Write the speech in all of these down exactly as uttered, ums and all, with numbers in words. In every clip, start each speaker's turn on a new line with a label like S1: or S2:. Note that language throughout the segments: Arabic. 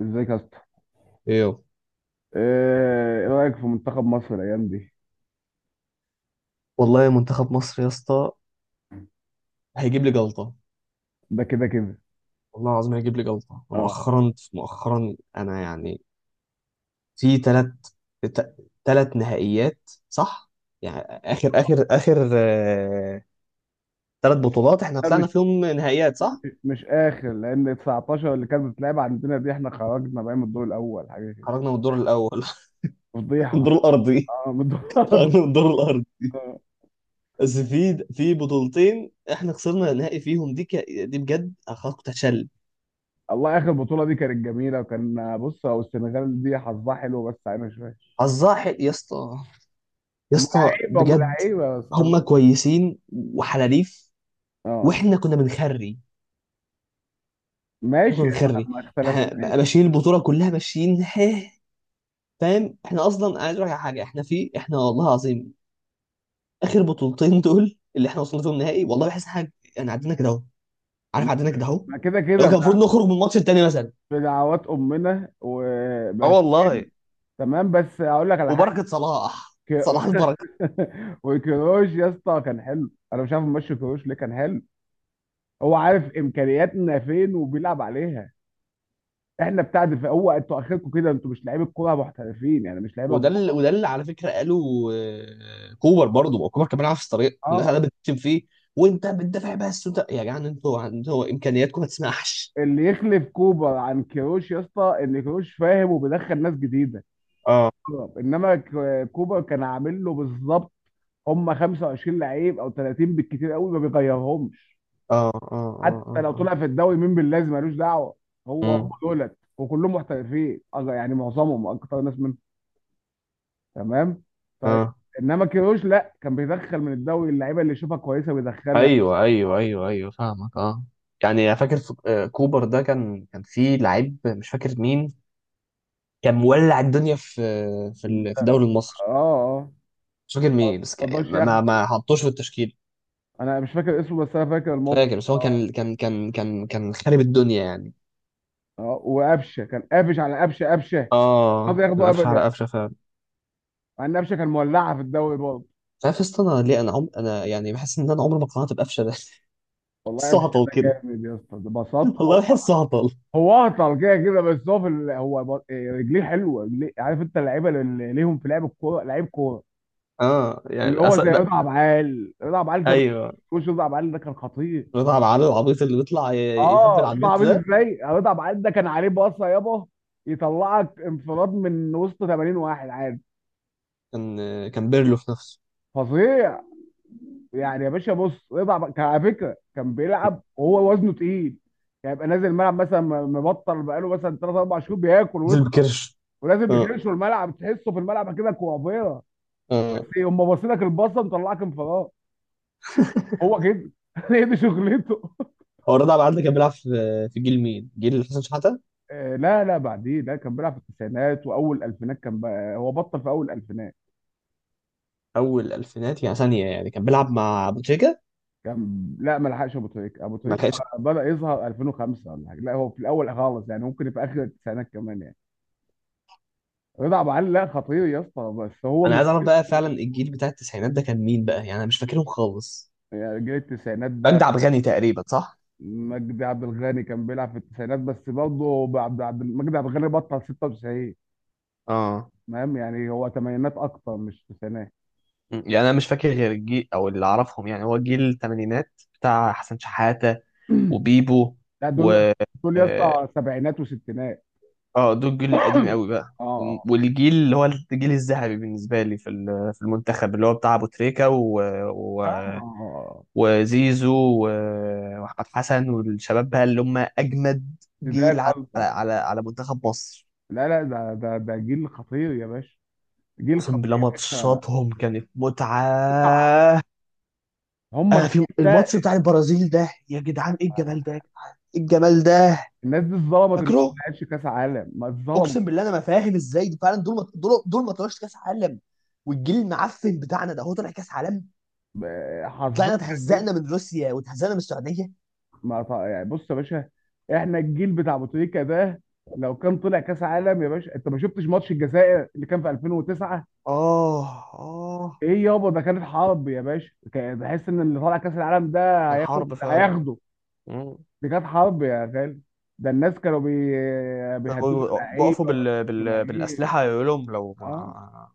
S1: ازيك يا اسطى؟
S2: ايه يابا؟
S1: ايه إيه رايك في منتخب مصر الايام دي؟
S2: والله منتخب مصر يا اسطى هيجيب لي جلطه.
S1: ده كده كده.
S2: والله العظيم هيجيب لي جلطه
S1: اه.
S2: مؤخرا مؤخرا انا يعني في ثلاث ثلاث نهائيات صح؟ يعني اخر اخر اخر ثلاث بطولات احنا
S1: ده مش
S2: طلعنا فيهم نهائيات صح؟
S1: مش اخر، لان تسعتاشر اللي كانت بتلعب عندنا دي احنا خرجنا بقى من الدور الاول، حاجه كده.
S2: خرجنا من الدور الاول الدور
S1: فضيحه.
S2: الارضي.
S1: اه، من الدور
S2: خرجنا من الدور الارضي.
S1: آه.
S2: بس في في بطولتين احنا خسرنا نهائي فيهم دي ك... دي بجد أخ- كنت هتشل.
S1: الله، اخر بطوله دي كانت جميله، وكان بص، هو السنغال دي حظها حلو بس عينها شويه.
S2: حظها حلو يا اسطى، يا
S1: هم
S2: اسطى
S1: لعيبه، هم
S2: بجد.
S1: لعيبه، بس حظ.
S2: هم كويسين وحلاليف.
S1: اه.
S2: واحنا كنا بنخري. احنا كنا
S1: ماشي. ما
S2: بنخري.
S1: ما اختلف.
S2: احنا ماشيين البطوله كلها ماشيين هه. فاهم احنا اصلا، انا عايز اقول لك على حاجه. احنا في احنا والله العظيم اخر بطولتين دول اللي احنا وصلنا فيهم نهائي، والله بحس إن حاجه يعني عدينا كده اهو. عارف عدينا كده اهو.
S1: ما كده
S2: لو كان
S1: كده.
S2: المفروض نخرج من الماتش التاني مثلا.
S1: بدعوات امنا
S2: اه
S1: وبس.
S2: والله.
S1: تمام، بس هقول لك على
S2: وبركه صلاح،
S1: ك...
S2: صلاح البركه.
S1: وكروش يا اسطى كان حلو، انا مش عارف ماشي كروش ليه كان حلو. هو عارف امكانياتنا فين وبيلعب عليها. احنا بتاع دفاع، هو انتوا اخركم كده، انتوا مش لعيبه كوره محترفين يعني، مش لعيبه
S2: وده اللي
S1: كبار.
S2: وده اللي على فكره قالوا، آه، كوبر برضه. ما هو كوبر كان بيلعب في الطريق والناس
S1: اه.
S2: قاعده بتشتم فيه. وانت بتدافع بس، وانت يا جدعان، انتوا انتوا امكانياتكم ما تسمحش.
S1: اللي يخلف كوبر عن كروش يا اسطى ان كروش فاهم وبيدخل ناس جديده.
S2: اه
S1: انما ك- كوبر كان عامل له بالظبط، هم خمسة وعشرين لعيب او تلاتين بالكتير قوي، ما بيغيرهمش.
S2: اه اه اه اه
S1: حتى لو
S2: اه.
S1: طلع في الدوري مين باللازم ملوش دعوه. هو هم
S2: امم
S1: دولت وكلهم محترفين، أغ- يعني معظمهم اكتر ناس منهم. تمام. طيب.
S2: اه.
S1: انما كيروش لا، كان بيدخل من الدوري اللعيبه اللي يشوفها كويسه بيدخلها.
S2: ايوه ايوه
S1: اه.
S2: ايوه ايوه فاهمك اه. يعني انا فاكر في آه، كوبر ده كان كان في لعيب مش فاكر مين. كان مولع الدنيا في في ال- في الدوري المصري.
S1: اه. آه.
S2: مش فاكر مين بس
S1: ما
S2: كان-
S1: رضاش
S2: ما
S1: ياخد.
S2: ما ما حطوش في التشكيل.
S1: انا مش فاكر اسمه بس انا فاكر
S2: مش
S1: الموقف.
S2: فاكر بس هو كان كان كان كان كان خارب الدنيا يعني.
S1: اه، وقفشه كان قافش على قفشه، قفشه مش راضي
S2: اه تبقى
S1: ياخده
S2: قفشه على
S1: ابدا،
S2: قفشه فعلا.
S1: مع ان قفشه كان مولعه في الدوري برضه.
S2: مش عارف يا اسطى انا ليه، انا عم... انا يعني بحس ان انا عمري ما اقتنعت بقفشه ده.
S1: والله
S2: بحسه
S1: قفشه
S2: هطل كده.
S1: جامد يا اسطى، ده بساطه.
S2: والله بحسه هطل.
S1: هو اهطل كده كده، بس هو في ال... هو ب- إيه، رجليه حلوه، رجليه عارف انت، اللعيبه اللي ليهم في لعب الكوره، لعيب كوره،
S2: اه
S1: اللي
S2: يعني
S1: هو
S2: أس...
S1: زي
S2: لا،
S1: رضا عبعال. رضا عبعال زمان،
S2: ايوه.
S1: وش رضا عبعال ده كان خطير.
S2: رضا على العيال العبيط اللي بيطلع ي- يهبل
S1: اه،
S2: على
S1: شوف
S2: النت
S1: عبيط
S2: ده
S1: ازاي، رضا عبعال ده كان عليه باصه يابا، يطلعك انفراد من وسط تمانين واحد عادي.
S2: كان كان بيرلو في نفسه.
S1: فظيع. يعني يا باشا، بص، رضا عبعال كان على فكره كان بيلعب وهو وزنه تقيل، يعني يبقى نازل الملعب مثلا مبطل بقاله مثلا ثلاثة اربعه شهور بياكل
S2: نزل
S1: ويتخن،
S2: بكرش
S1: ولازم
S2: اه
S1: بيكرش الملعب، تحسه في الملعب كده كوافير.
S2: اه.
S1: ايه، هم باصين لك الباصه مطلعك انفراد. هو كده. هي دي شغلته.
S2: هو رضا على العيال ده كان بيلعب في في جيل مين؟ جيل حسن شحاته.
S1: آه، لا لا، بعديه، لا كان بيلعب في التسعينات واول الفينات، كان بقى هو بطل في اول الفينات.
S2: اول الالفينات يعني ثانيه يعني كان بيلعب مع ابو تريكه.
S1: كان لا، ما لحقش ابو تريكه. ابو
S2: ما
S1: تريكه
S2: لحقش.
S1: بدا يظهر ألفين وخمسة ولا حاجه، لا هو في الاول خالص، يعني ممكن في اخر التسعينات كمان يعني. رضا عبد العال، لا خطير يا اسطى، بس هو
S2: انا
S1: مش-
S2: عايز اعرف بقى فعلا الجيل بتاع التسعينات ده كان مين بقى؟ يعني انا مش فاكرهم خالص.
S1: يعني جيل التسعينات ده،
S2: مجدي عبد الغني تقريبا صح؟
S1: مجدي عبد الغني كان بيلعب في التسعينات، بس برضه عبد عبد مجدي عبد الغني بطل ستة وتسعين.
S2: اه.
S1: فاهم يعني، هو تمانينات اكتر مش تسعينات.
S2: م. يعني انا مش فاكر غير الجيل او اللي اعرفهم، يعني هو جيل الثمانينات بتاع حسن شحاتة وبيبو
S1: لا
S2: و
S1: دول، دول يا
S2: اه
S1: اسطى سبعينات وستينات.
S2: آه، دول الجيل القديم قوي بقى. م-
S1: اه.
S2: والجيل اللي هو الجيل الذهبي بالنسبه لي في ال- في المنتخب اللي هو بتاع ابو تريكه و... و...
S1: اه. اه.
S2: وزيزو و- واحمد حسن والشباب بقى اللي هم اجمد
S1: زيدان
S2: جيل على على
S1: قصدك.
S2: على على منتخب مصر.
S1: لا لا، ده ده ده جيل خطير يا باشا، جيل
S2: اقسم
S1: خطير
S2: بالله
S1: يا باشا.
S2: ماتشاتهم كانت متعه.
S1: هم
S2: آه
S1: الجيل
S2: في
S1: ده،
S2: الماتش بتاع البرازيل ده يا جدعان ايه الجمال ده يا جدعان ايه الجمال ده.
S1: الناس دي اتظلمت ان هو ما
S2: فاكره.
S1: لعبش كاس عالم، ما اتظلمت.
S2: اقسم بالله انا ما فاهم ازاي فعلا. دول ما دول دول ما طلعوش كاس عالم، والجيل المعفن بتاعنا ده هو طلع كاس عالم.
S1: ب-
S2: طلعنا
S1: حظنا كده.
S2: اتهزقنا من روسيا واتهزقنا من السعوديه
S1: ما ط- يعني بص يا باشا، احنا الجيل بتاع بوتريكا ده، لو كان طلع كاس عالم يا باشا، انت ما شفتش ماتش الجزائر اللي كان في الفين وتسعه.
S2: اه اه.
S1: ايه يابا، ده كانت حرب يا باشا، كان- بحس ان اللي طالع كاس العالم ده
S2: كان
S1: هياخد
S2: حرب فعلا.
S1: هياخده.
S2: مم.
S1: دي كانت حرب يا غالي. ده الناس كانوا بي... بيهددوا
S2: كانوا بقفوا
S1: اللعيبه
S2: بال... بال...
S1: والجماهير.
S2: بالأسلحة يقول لهم لو
S1: اه.
S2: ما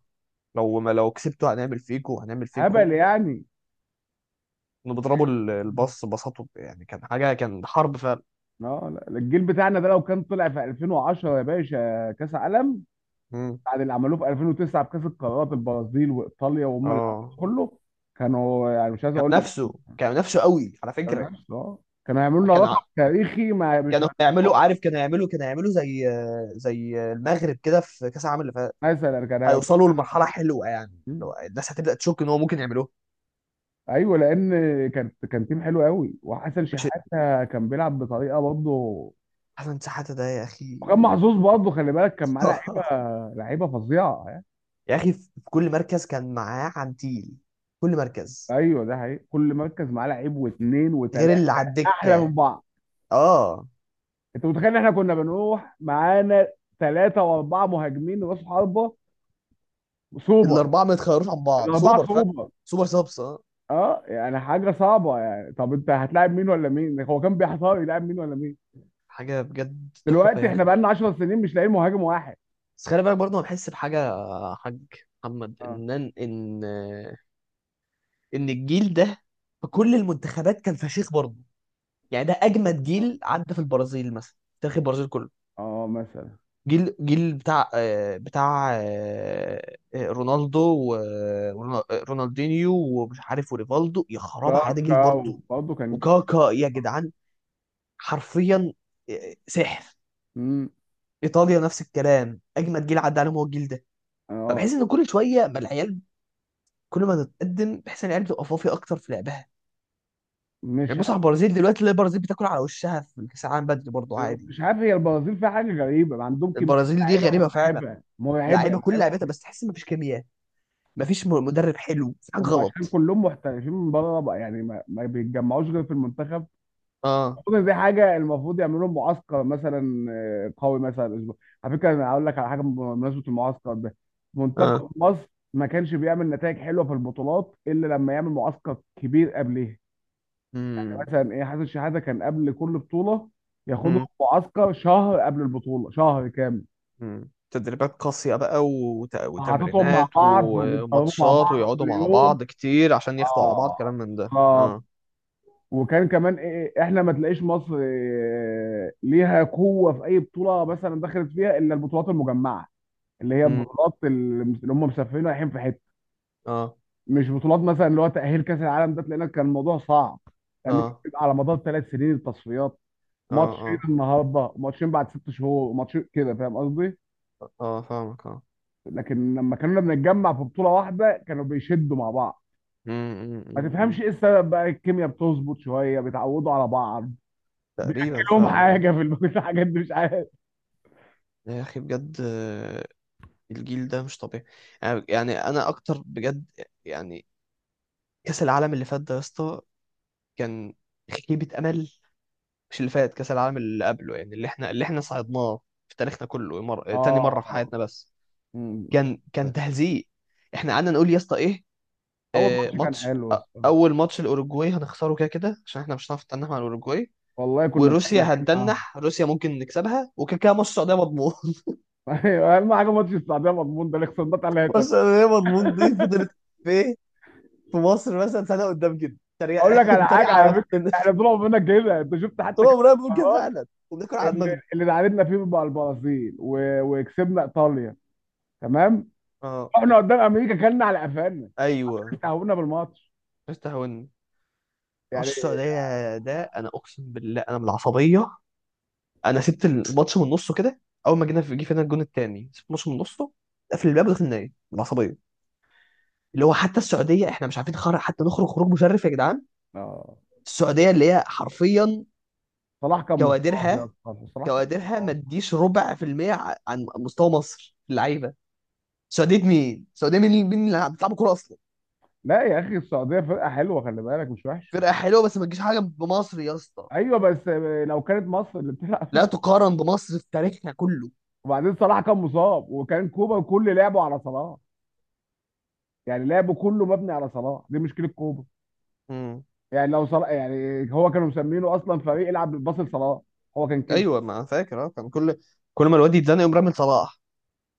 S2: لو ما لو كسبتوا هنعمل فيكوا هنعمل فيكوا.
S1: هبل يعني.
S2: كانوا بيضربوا ال- الباص بساطة يعني، كان حاجة، كان حرب فعلا.
S1: اه، لا، الجيل بتاعنا ده لو كان طلع في الفين وعشرة يا باشا كاس عالم،
S2: مم.
S1: بعد اللي عملوه في الفين وتسعه بكاس القارات، البرازيل وايطاليا وهم اللي عملوه
S2: اه
S1: كله، كانوا يعني مش عايز
S2: كان
S1: اقول لك،
S2: نفسه كان نفسه قوي على
S1: كانوا
S2: فكرة.
S1: نفس اه، كانوا هيعملوا لنا
S2: كان
S1: رقم
S2: ع-
S1: تاريخي ما مش
S2: كانوا
S1: هنتصور.
S2: هيعملوا عارف كانوا هيعملوا كانوا هيعملوا زي زي المغرب كده في كأس العالم اللي فات.
S1: مثلا كان هيعملوا.
S2: هيوصلوا لمرحلة
S1: آه.
S2: حلوة، يعني
S1: مم.
S2: لو الناس هتبدأ تشك ان هو ممكن يعملوه.
S1: ايوه، لان كان كان تيم حلو قوي، وحسن
S2: مش
S1: شحاته كان بيلعب بطريقه برضه،
S2: حسن شحاتة ده يا اخي.
S1: وكان محظوظ برضه، خلي بالك كان معاه لعيبه، لعيبه فظيعه يعني.
S2: يا اخي في كل مركز كان معاه عنتيل. كل مركز
S1: ايوه ده حقيقي، كل مركز معاه لعيب واثنين وثلاثه،
S2: غير اللي على
S1: احلى
S2: الدكة
S1: من بعض.
S2: اه.
S1: انت متخيل ان احنا كنا بنروح معانا ثلاثه واربعه مهاجمين راس حربه، سوبر،
S2: الأربعة ما يتخيروش عن بعض
S1: الاربعه
S2: سوبر فاهم.
S1: سوبر.
S2: سوبر سابس اه.
S1: اه يعني حاجه صعبه يعني، طب انت هتلاعب مين ولا مين؟ هو كان بيحتار يلاعب مين ولا مين.
S2: حاجة بجد تحفة
S1: دلوقتي
S2: يعني.
S1: احنا بقالنا 10 سنين مش لاقيين مهاجم واحد.
S2: بس خلي بالك برضه، انا بحس بحاجه يا حاج محمد،
S1: اه.
S2: ان ان ان إن الجيل ده في كل المنتخبات كان فشيخ برضه. يعني ده اجمد
S1: اه.
S2: جيل عدى في البرازيل مثلا. تاريخ البرازيل كله،
S1: آه، مثلا.
S2: جيل جيل بتاع آه، بتاع آه، آه، رونالدو ورونالدينيو ومش عارف وريفالدو يا خراب على ده جيل
S1: كاكا.
S2: برضه.
S1: برضه كان جه-
S2: وكاكا يا جدعان، حرفيا آه، سحر.
S1: مم.
S2: ايطاليا نفس الكلام، اجمد جيل عدى عليهم هو الجيل ده.
S1: اه،
S2: فبحس ان كل شويه بقى العيال، كل ما تتقدم بحيث ان العيال بتبقى فافيه اكتر في لعبها.
S1: مش
S2: يعني بص على البرازيل دلوقتي، تلاقي البرازيل بتاكل على وشها في الكاس العالم بدري برضه عادي.
S1: مش عارف، هي البرازيل فيها حاجه غريبه، عندهم كميه
S2: البرازيل دي
S1: لعيبه
S2: غريبه فعلا.
S1: مرعبه، مرعبه
S2: لعيبه كل
S1: لعيبه.
S2: لعيبتها بس تحس مفيش كيمياء. مفيش م- مدرب حلو، في حاجه
S1: هم عشان
S2: غلط.
S1: كلهم محترفين من بره بقى، يعني ما, ما بيتجمعوش غير في المنتخب.
S2: اه
S1: المفروض دي حاجه، المفروض يعملوا لهم معسكر مثلا، آه، قوي، مثلا اسبوع. على فكره انا هقول لك على حاجه بمناسبه المعسكر ده.
S2: اه
S1: منتخب مصر ما كانش بيعمل نتائج حلوه في البطولات الا لما يعمل معسكر كبير قبليها. يعني
S2: امم
S1: مثلا ايه، حسن شحاته كان قبل كل بطوله ياخدهم
S2: امم
S1: معسكر شهر قبل البطوله، شهر كامل.
S2: أمم. تدريبات قاسية بقى وت...
S1: حاططهم مع
S2: وتمرينات
S1: بعض وبيتكلموا مع
S2: وماتشات،
S1: بعض
S2: ويقعدوا
S1: كل
S2: مع
S1: يوم.
S2: بعض كتير عشان ياخدوا على بعض
S1: اه.
S2: كلام من ده
S1: ف-
S2: اه
S1: وكان كمان ايه، إيه، احنا ما تلاقيش مصر إيه ليها قوه في اي بطوله مثلا دخلت فيها الا البطولات المجمعه، اللي هي
S2: امم
S1: البطولات اللي اللي هم مسافرين رايحين في حته.
S2: اه
S1: مش بطولات مثلا اللي هو تاهيل كاس العالم ده، لان كان الموضوع صعب، لانه كان
S2: اه
S1: بيبقى على مدار ثلاث سنين التصفيات.
S2: اه
S1: ماتشين
S2: اه
S1: النهارده، وماتشين بعد ست شهور، وماتشين كده، فاهم قصدي؟
S2: اه فاهمك اه.
S1: لكن لما كنا بنتجمع في بطوله واحده كانوا بيشدوا مع بعض.
S2: امم أمم،
S1: ما
S2: أمم، أمم.
S1: تفهمش ايه السبب بقى، الكيمياء بتظبط شويه بيتعودوا على بعض.
S2: تقريبا
S1: بياكلهم
S2: فعلا.
S1: حاجه في الب- في الحاجات دي مش عارف.
S2: يا اخي بجد، آه، الجيل ده مش طبيعي. يعني يعني انا اكتر بجد. يعني كاس العالم اللي فات ده يا اسطى كان خيبة امل. مش اللي فات، كاس العالم اللي قبله، يعني اللي احنا اللي احنا صعدناه في تاريخنا كله، مر... تاني مرة في
S1: اه.
S2: حياتنا بس.
S1: مم.
S2: كان كان تهزيء. احنا قعدنا نقول يا اسطى ايه.
S1: اول
S2: آه،
S1: ماتش كان
S2: ماتش
S1: حلو
S2: أ-
S1: بس.
S2: اول ماتش الاوروجواي هنخسره كده كده عشان احنا مش هنعرف نتنح مع الاوروجواي.
S1: والله كنا
S2: وروسيا
S1: بتنحين معاهم.
S2: هنتنح، روسيا ممكن نكسبها، وكده كده ماتش السعودية مضمون.
S1: ايوه، اهم حاجه ماتش السعوديه مضمون، ده اللي خسرنا
S2: ماتش
S1: ثلاثه.
S2: السعودية مضمون دي فضلت في مصر مثلا سنه قدام كده تريق
S1: اقول لك على
S2: تريق
S1: حاجه
S2: على
S1: على فكره،
S2: نفسنا.
S1: احنا طلعوا مننا كده، انت شفت
S2: طول
S1: حتى كام
S2: عمرنا بنقول كده
S1: المرات
S2: فعلا، وبناكل على
S1: اللي
S2: دماغنا
S1: اللي تعادلنا فيه مع البرازيل و... وكسبنا ايطاليا، تمام،
S2: اه.
S1: رحنا قدام امريكا كلنا على قفانا،
S2: ايوه
S1: استهونا بالماتش
S2: استهواني. ماتش
S1: يعني.
S2: السعوديه ده انا اقسم بالله انا من العصبيه، انا سبت الماتش من نصه كده. اول ما جينا في جه فينا الجون الثاني سبت الماتش من نصه، قفل الباب ودخل نايم من العصبيه. اللي هو حتى السعوديه احنا مش عارفين خرج، حتى نخرج خروج مشرف يا جدعان.
S1: اه.
S2: السعوديه اللي هي حرفيا
S1: صلاح كان مصاب يا
S2: كوادرها
S1: اسطى، صلاح كان
S2: كوادرها ما
S1: مصاب.
S2: تديش ربع في المية عن مستوى مصر في اللعيبه. السعوديه مين؟ السعوديه مين، مين اللي بتلعب كوره اصلا؟
S1: لا يا اخي، السعوديه فرقه حلوه، خلي بالك، مش وحشه.
S2: فرقه حلوه بس ما تجيش حاجه بمصر يا اسطى.
S1: ايوه بس لو كانت مصر اللي بتلعب.
S2: لا تقارن بمصر في تاريخنا كله.
S1: وبعدين صلاح كان مصاب، وكان كوبا كل لعبه على صلاح، يعني لعبه كله مبني على صلاح، دي مشكله كوبا.
S2: امم
S1: يعني لو صلاح، يعني هو كانوا مسمينه اصلا فريق يلعب بالباص لصلاح، هو كان كده.
S2: ايوه ما أنا فاكر اه. كان كل كل ما الواد يتزنق يقوم رامي صلاح.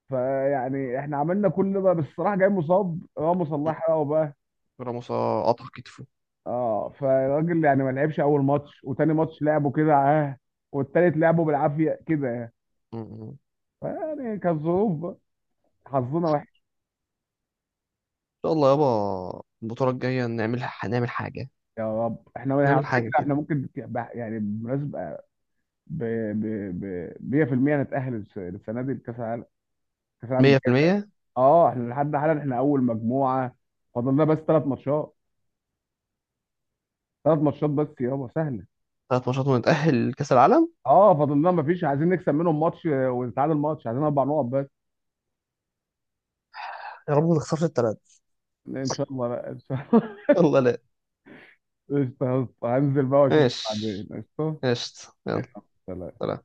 S1: فيعني احنا عملنا كل ده، بس صلاح جاي مصاب، راموس الله يحرقه بقى.
S2: راموس آه، قطع كتفه.
S1: اه، فالراجل يعني ما لعبش اول ماتش، وتاني ماتش لعبه كده اه، والتالت لعبه بالعافيه كده.
S2: مم. ان
S1: يعني كالظروف بقى. حظنا وحش.
S2: شاء الله يابا البطوله الجايه نعمل نعمل حاجه
S1: يا رب، احنا على
S2: نعمل حاجه
S1: فكره
S2: كده
S1: احنا ممكن ك- بح- يعني بالمناسبه ب ب ب ميه في الميه نتاهل الس- السنه دي لكاس العالم، كاس العالم الجاي.
S2: مية في المية.
S1: اه، احنا لحد حالا احنا اول مجموعه. فاضلنا بس ثلاث ماتشات، ثلاث ماتشات بس يابا سهله.
S2: ثلاث ماتشات ونتأهل لكأس العالم.
S1: اه، فاضلنا ما فيش، عايزين نكسب منهم ماتش آه، ونتعادل ماتش، عايزين اربع نقط بس.
S2: يا رب ما تخسرش التلاته.
S1: ان شاء الله بقى، ان شاء الله.
S2: الله لا.
S1: قشطة يا اسطى. هنزل بقى واشوفك بعدين.
S2: ماشي.
S1: قشطه.
S2: قشطة يلا.
S1: يلا، سلام.
S2: سلام.